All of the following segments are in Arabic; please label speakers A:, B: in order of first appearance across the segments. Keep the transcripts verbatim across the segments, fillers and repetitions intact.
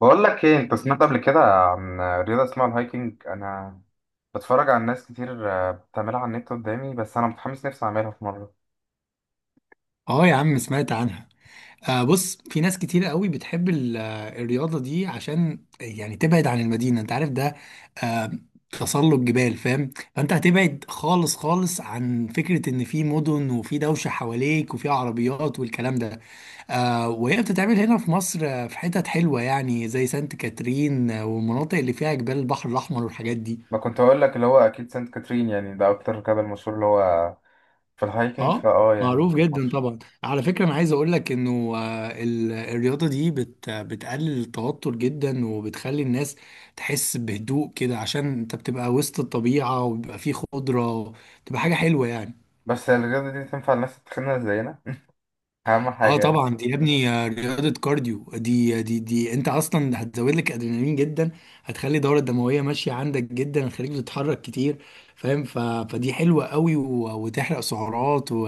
A: بقول لك ايه، انت سمعت قبل كده عن رياضه اسمها الهايكنج؟ انا بتفرج على ناس كتير، آه، بتعملها على النت قدامي، بس انا متحمس نفسي اعملها في مره.
B: اه يا عم، سمعت عنها. آه بص، في ناس كتير قوي بتحب ال- آه، الرياضة دي، عشان يعني تبعد عن المدينة، انت عارف ده. آه تسلق جبال، فاهم؟ فانت هتبعد خالص خالص عن فكرة ان في مدن وفي دوشة حواليك وفي عربيات والكلام ده. آه وهي بتتعمل هنا في مصر، آه، في حتت حلوة، يعني زي سانت كاترين، آه، والمناطق اللي فيها جبال البحر الأحمر والحاجات دي.
A: ما كنت اقول لك اللي هو اكيد سانت كاترين، يعني ده اكتر جبل مشهور اللي هو في الهايكنج
B: اه،
A: فاه يعني
B: معروف
A: في
B: جدا
A: مصر.
B: طبعا. على فكرة، انا عايز اقول لك انه آه، ال- الرياضة دي بت بتقلل التوتر جدا، وبتخلي الناس تحس بهدوء كده عشان انت بتبقى وسط الطبيعة وبيبقى فيه خضرة. بتبقى حاجة حلوة يعني.
A: بس الرياضه دي تنفع الناس التخينه زينا اهم
B: اه
A: حاجه يعني.
B: طبعا، دي يا ابني آه، رياضة كارديو. دي دي دي انت اصلا هتزود لك ادرينالين جدا، هتخلي الدورة الدموية ماشية عندك جدا، هتخليك تتحرك كتير، فاهم. ف... فدي حلوة قوي، و... وتحرق سعرات، و...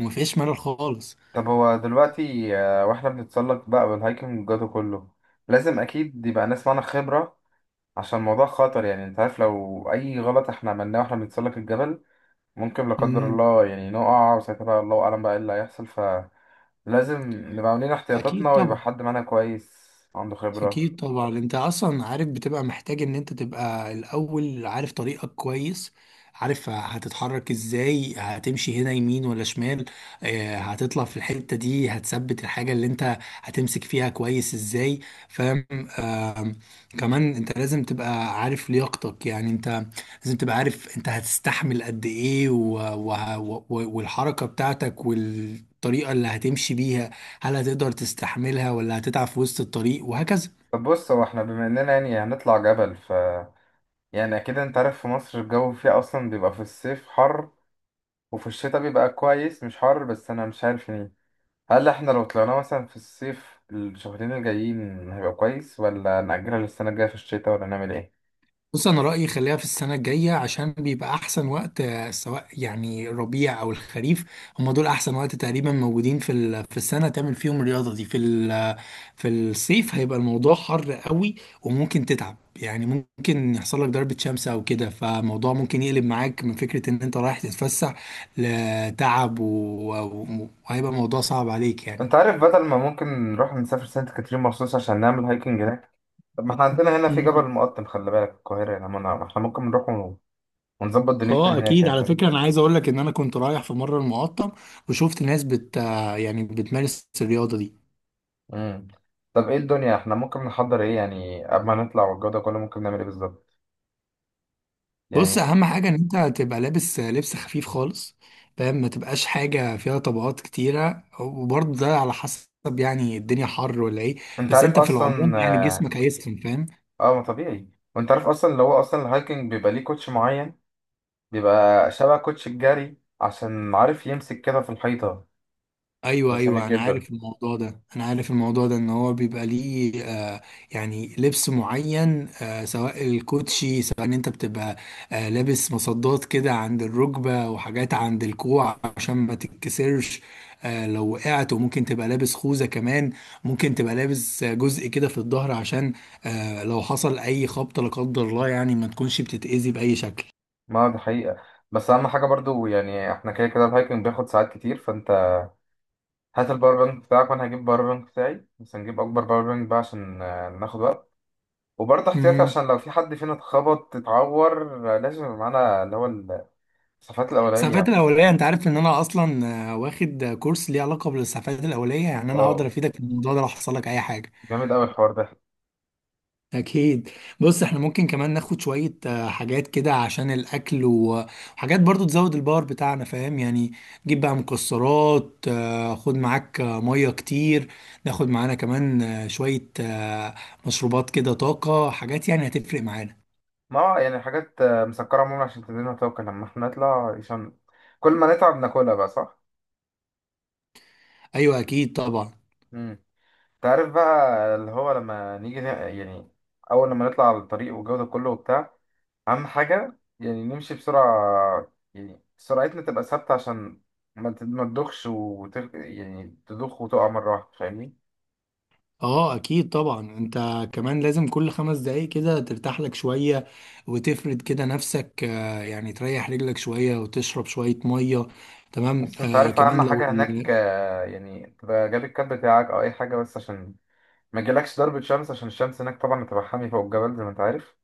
B: ومفيش ملل خالص.
A: طب هو دلوقتي آه، واحنا بنتسلق بقى بالهايكنج والجو ده كله، لازم اكيد يبقى ناس معانا خبره، عشان الموضوع خطر يعني. انت عارف لو اي غلط احنا عملناه واحنا بنتسلق الجبل، ممكن لا قدر الله يعني نقع، وساعتها بقى الله أعلم بقى إيه اللي هيحصل، فلازم نبقى عاملين
B: اكيد
A: احتياطاتنا، ويبقى
B: طبعا.
A: حد معانا كويس عنده خبرة.
B: اكيد طبعا، انت اصلا عارف بتبقى محتاج ان انت تبقى الاول عارف طريقك كويس، عارف هتتحرك ازاي، هتمشي هنا يمين ولا شمال، آه، هتطلع في الحتة دي، هتثبت الحاجة اللي انت هتمسك فيها كويس ازاي، فاهم. آم، كمان انت لازم تبقى عارف لياقتك، يعني انت لازم تبقى عارف انت هتستحمل قد ايه، و... و... و... والحركة بتاعتك والطريقة اللي هتمشي بيها، هل هتقدر تستحملها ولا هتتعب في وسط الطريق وهكذا.
A: طب بص، هو احنا بما إننا يعني هنطلع جبل، ف يعني أكيد أنت عارف في مصر الجو فيها أصلا بيبقى في الصيف حر، وفي الشتاء بيبقى كويس مش حر. بس أنا مش عارف يعني، هل احنا لو طلعنا مثلا في الصيف الشهرين الجايين هيبقى كويس، ولا نأجلها للسنة الجاية في الشتاء، ولا نعمل ايه؟
B: بص، انا رأيي خليها في السنة الجاية عشان بيبقى احسن وقت، آه، سواء يعني الربيع او الخريف. هم دول احسن وقت تقريبا، موجودين في ال- في السنة، تعمل فيهم الرياضة دي في ال- في الصيف. هيبقى الموضوع حر قوي وممكن تتعب، يعني ممكن يحصل لك ضربة شمس او كده، فالموضوع ممكن يقلب معاك من فكرة ان انت رايح تتفسح لتعب، و- و- وهيبقى الموضوع صعب عليك
A: انت عارف، بدل ما ممكن نروح نسافر سانت كاترين مخصوص عشان نعمل هايكنج هناك، طب ما احنا عندنا هنا في جبل
B: يعني.
A: المقطم، خلي بالك في القاهرة، يعني ما أنا- ما احنا ممكن نروح ون- ونظبط دنيتنا
B: اه
A: هناك،
B: اكيد.
A: يعني
B: على
A: فاهم.
B: فكره، انا عايز اقول لك ان انا كنت رايح في مره المقطم وشفت ناس بت يعني بتمارس الرياضه دي.
A: امم طب ايه الدنيا، احنا ممكن نحضر ايه يعني قبل ما نطلع والجو ده كله؟ ممكن نعمل ايه بالظبط
B: بص،
A: يعني؟
B: اهم حاجه ان انت تبقى لابس لبس خفيف خالص، فاهم، ما تبقاش حاجه فيها طبقات كتيره. وبرضه ده على حسب يعني الدنيا حر ولا ايه،
A: انت
B: بس
A: عارف
B: انت في العموم
A: اصلا
B: يعني
A: اه.
B: جسمك هيسخن، فاهم.
A: آه، ما طبيعي، وانت عارف اصلا اللي هو اصلا الهايكنج بيبقى ليه كوتش معين، بيبقى شبه كوتش الجري، عشان عارف يمسك كده في الحيطة.
B: ايوه،
A: بس جميل
B: ايوه، انا
A: جدا.
B: عارف الموضوع ده، انا عارف الموضوع ده، ان هو بيبقى ليه آه يعني لبس معين، آه سواء الكوتشي، سواء ان انت بتبقى آه لابس مصدات كده عند الركبه وحاجات عند الكوع عشان ما تتكسرش آه لو وقعت. وممكن تبقى لابس خوذه كمان، ممكن تبقى لابس آه، جزء كده في الظهر عشان آه لو حصل اي خبطه لا قدر الله، يعني ما تكونش بتتاذي باي شكل.
A: ما ده حقيقة، بس اهم حاجة برضو يعني، احنا كده كده الهايكنج بياخد ساعات كتير. هات الباور بانك بتاعك، وانا هجيب باور بانك بتاعي، بس هنجيب اكبر باور بانك بقى عشان آه، ناخد وقت، وبرضه احتياطي
B: مم.
A: عشان لو في حد فينا اتخبط اتعور، آه، لازم يبقى معانا اللي هو الاسعافات
B: الإسعافات
A: الاوليه.
B: الأولية، أنت عارف إن أنا أصلا آه، واخد آه، كورس ليه علاقة بالإسعافات الأولية، يعني أنا
A: واو،
B: هقدر أفيدك في الموضوع ده لو حصل لك أي حاجة.
A: جامد قوي الحوار ده.
B: أكيد. بص، إحنا ممكن كمان ناخد شوية آه، حاجات كده عشان الأكل، و- وحاجات برضو تزود الباور بتاعنا، فاهم يعني. جيب بقى مكسرات، آه، خد معاك آه، مية كتير. ناخد معانا كمان آه، شوية آه، مشروبات كده، طاقة، حاجات يعني هتفرق معانا.
A: ما هو يعني حاجات آه، مسكره عموما، عشان تدينا طاقه لما احنا نطلع، عشان كل ما نتعب ناكلها بقى، صح؟
B: أيوة، أكيد طبعا.
A: امم تعرف بقى اللي هو لما نيجي ن- يعني اول لما نطلع على الطريق والجو ده كله وبتاع، اهم حاجه يعني نمشي بسرعه، يعني سرعتنا تبقى ثابته، عشان ما ت- ما تدخش وتغ... يعني تدخ وتقع مره واحده، فاهمني؟
B: اه اكيد طبعا. انت كمان لازم كل خمس دقايق كده ترتاح لك شوية، وتفرد كده نفسك، آه، يعني تريح رجلك شوية وتشرب شوية مية، تمام.
A: بس انت
B: آه
A: عارف اهم
B: كمان، لو
A: حاجه هناك،
B: ال-
A: آه، يعني تبقى جاب الكاب بتاعك او اي حاجه، بس عشان ما يجيلكش ضربه شمس، عشان الشمس هناك طبعا هتبقى حامي فوق الجبل زي ما انت عارف.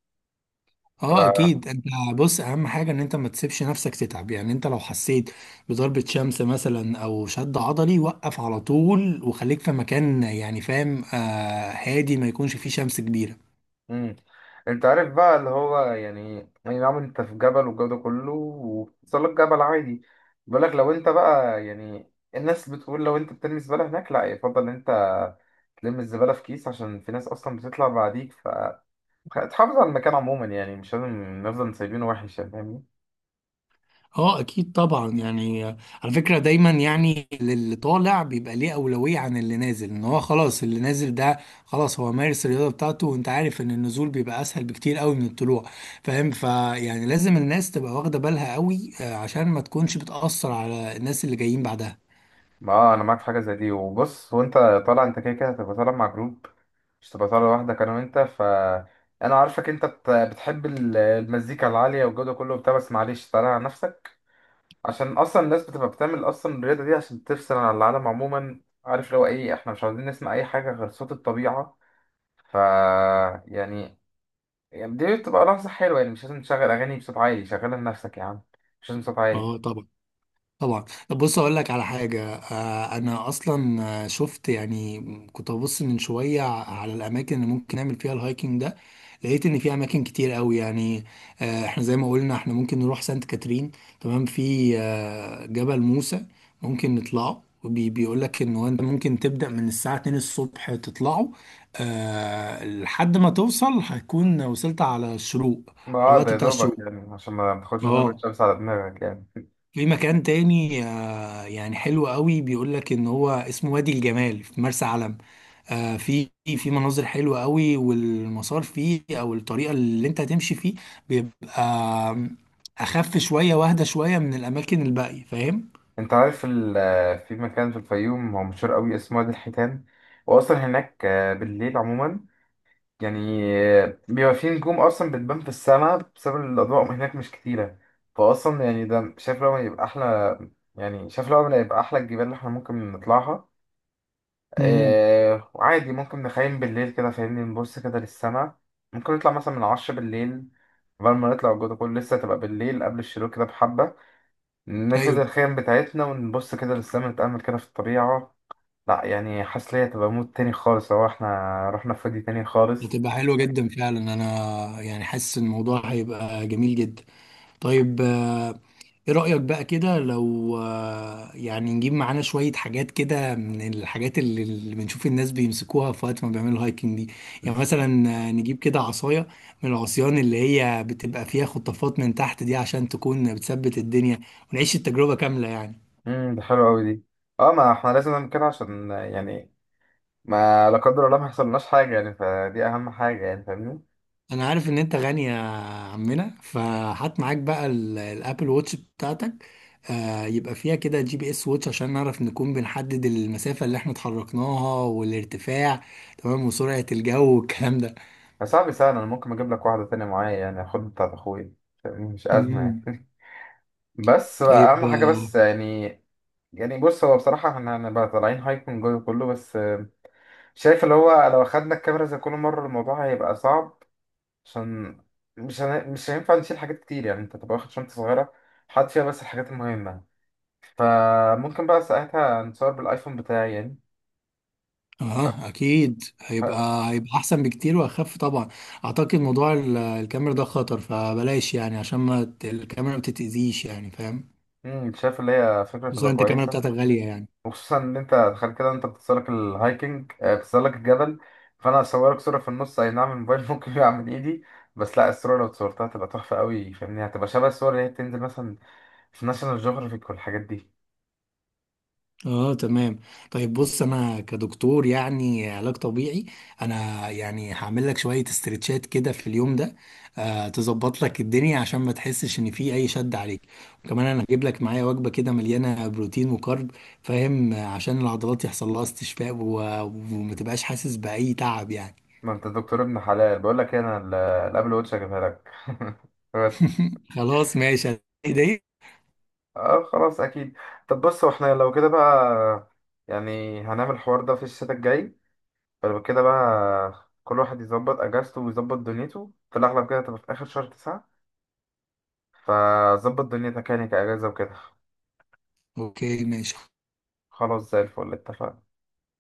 B: اه اكيد. انت، بص، اهم حاجة ان انت ما تسيبش نفسك تتعب، يعني انت لو حسيت بضربة شمس مثلا او شد عضلي، وقف على طول وخليك في مكان يعني، فاهم، آه هادي، ما يكونش فيه شمس كبيرة.
A: امم انت عارف بقى اللي هو يعني يعني نعم، انت في جبل والجو ده كله، وبتصل لك جبل عادي بيقولك لو انت بقى يعني. الناس بتقول لو انت بترمي الزبالة هناك، لا، يفضل ان انت تلم الزبالة في كيس، عشان في ناس اصلا بتطلع بعديك، فتحافظ على المكان عموما، يعني مش لازم نفضل سايبينه وحش، يعني فاهمني.
B: اه، اكيد طبعا. يعني على فكره، دايما يعني اللي طالع بيبقى ليه اولويه عن اللي نازل، ان هو خلاص اللي نازل ده خلاص هو مارس الرياضه بتاعته، وانت عارف ان النزول بيبقى اسهل بكتير قوي من الطلوع، فاهم، فيعني لازم الناس تبقى واخده بالها قوي، آه، عشان ما تكونش بتاثر على الناس اللي جايين بعدها.
A: ما انا معاك في حاجة زي دي. وبص، وانت طالع، انت كده كده هتبقى طالع مع جروب، مش تبقى طالع لوحدك انا وانت، ف انا عارفك انت بت- بتحب ال- المزيكا العاليه والجو ده كله وبتاع، بس معلش تعالى على نفسك، عشان اصلا الناس بتبقى بتعمل اصلا الرياضه دي عشان تفصل عن العالم عموما. عارف لو ايه، احنا مش عاوزين نسمع اي حاجه غير صوت الطبيعه، ف يعني يعني دي بتبقى لحظه حلوه يعني، مش لازم تشغل اغاني بصوت عالي. شغلها لنفسك يا عم، مش لازم صوت عالي.
B: اه طبعا. طبعا، بص اقول لك على حاجه، آه، انا اصلا آه، شفت، يعني كنت ببص من شويه على الاماكن اللي ممكن نعمل فيها الهايكنج ده، لقيت ان في اماكن كتير قوي يعني. آه، احنا زي ما قلنا احنا ممكن نروح سانت كاترين، تمام. في آه، جبل موسى، ممكن نطلعه وبيقول لك ان هو انت ممكن تبدا من الساعه الثانية الصبح تطلعه، آه، لحد ما توصل هتكون وصلت على الشروق،
A: ما
B: على
A: اه، ده
B: الوقت
A: يا
B: بتاع
A: دوبك
B: الشروق.
A: يعني، عشان ما تاخدش ضربة
B: اه.
A: شمس على دماغك يعني.
B: في مكان تاني يعني حلو قوي، بيقول لك ان هو اسمه وادي الجمال في مرسى علم. آه في في مناظر حلوه قوي، والمسار فيه او الطريقه اللي انت هتمشي فيه بيبقى اخف شويه واهدى شويه من الاماكن الباقيه، فاهم.
A: انت عارف ال- في مكان في الفيوم هو مشهور قوي اسمه وادي الحيتان، واصلا هناك آه، بالليل عموما يعني، آه، بيبقى في نجوم اصلا بتبان في السماء بسبب الاضواء هناك مش كتيره، فاصلا يعني ده شايف لو ما يبقى احلى، يعني شايف لو ما يبقى احلى الجبال اللي احنا ممكن نطلعها.
B: امم
A: آه، وعادي ممكن نخيم بالليل كده فاهمني، نبص كده للسماء. ممكن نطلع مثلا من عشرة بالليل، قبل ما نطلع الجو ده كله لسه تبقى بالليل، قبل الشروق كده بحبة نفرد
B: ايوه،
A: الخيم بتاعتنا، ونبص كده للسما، نتأمل كده في الطبيعة. لا يعني، حاسس ليا تبقى مود تاني خالص لو احنا رحنا في وادي تاني خالص.
B: بتبقى حلوه جدا فعلا. انا يعني حاسس إن الموضوع هيبقى جميل جدا. طيب، آه، ايه رأيك بقى كده لو آه، يعني نجيب معانا شوية حاجات كده من الحاجات اللي اللي بنشوف الناس بيمسكوها في وقت ما بيعملوا هايكنج دي. يعني مثلا آه، نجيب كده عصاية من العصيان اللي هي بتبقى فيها خطافات من تحت دي، عشان تكون بتثبت الدنيا، ونعيش التجربة كاملة يعني.
A: امم دي حلوة أوي دي. اه، ما احنا لازم نعمل كده، عشان يعني ما لا قدر الله ما يحصلناش حاجة يعني، فدي أهم حاجة يعني فاهمني.
B: انا عارف ان انت غني يا عمنا، فهات معاك بقى ال- الابل ووتش بتاعتك، آه يبقى فيها كده جي بي اس ووتش، عشان نعرف نكون بنحدد المسافة اللي احنا اتحركناها والارتفاع، تمام، وسرعة الجو والكلام ده.
A: يا صاحبي سهل، أنا ممكن أجيب لك واحدة تانية معايا، يعني أخد بتاعت أخويا، فاهمني؟ مش أزمة
B: مم.
A: يعني. بس بقى
B: طيب،
A: أهم حاجة
B: اه.
A: بس يعني. يعني بص، هو بصراحة احنا هنبقى طالعين هايكنج جوه كله، بس شايف اللي هو لو أخدنا الكاميرا زي كل مرة الموضوع هيبقى صعب، عشان مش هن... مش هينفع نشيل حاجات كتير، يعني أنت تبقى واخد شنطة صغيرة، حاطط فيها بس الحاجات المهمة، فممكن بقى ساعتها نصور بالآيفون بتاعي يعني.
B: آه، اكيد هيبقى هيبقى احسن بكتير واخف طبعا. اعتقد موضوع ال- الكاميرا ده خطر، فبلاش يعني، عشان ما ت- الكاميرا ما تتأذيش، يعني فاهم،
A: امم شايف اللي هي فكرة تبقى
B: خصوصا انت الكاميرا
A: كويسة.
B: بتاعتك غالية يعني.
A: وخصوصا ان انت تخيل كده، انت بتتسلق الهايكنج، آه، بتتسلق الجبل، فانا هصورك صورة في النص، اي نعم الموبايل ممكن يقع من ايدي، بس لا، الصورة لو اتصورتها هتبقى تحفة قوي فاهمني، هتبقى شبه الصور اللي هي بتنزل مثلا في ناشونال جيوغرافيك والحاجات دي.
B: اه تمام. طيب، بص، انا كدكتور يعني علاج طبيعي، انا يعني هعمل لك شويه استرتشات كده في اليوم ده، آه تظبط لك الدنيا عشان ما تحسش ان في اي شد عليك. وكمان انا هجيب لك معايا وجبه كده مليانه بروتين وكارب، فاهم، آه، عشان العضلات يحصل لها استشفاء، و... وما تبقاش حاسس باي تعب يعني.
A: ما انت دكتور ابن حلال، بقول لك ايه، انا ال- الابل واتش هجيبها لك بس.
B: خلاص ماشي. دي
A: اه خلاص، اكيد. طب بص، واحنا لو كده بقى يعني هنعمل الحوار ده في الشتاء الجاي، فلو كده بقى كل واحد يظبط اجازته ويظبط دنيته، في الاغلب كده تبقى في اخر شهر تسعة، فظبط دنيتك يعني كاجازه وكده.
B: اوكي ماشي.
A: خلاص زي الفل، اتفقنا.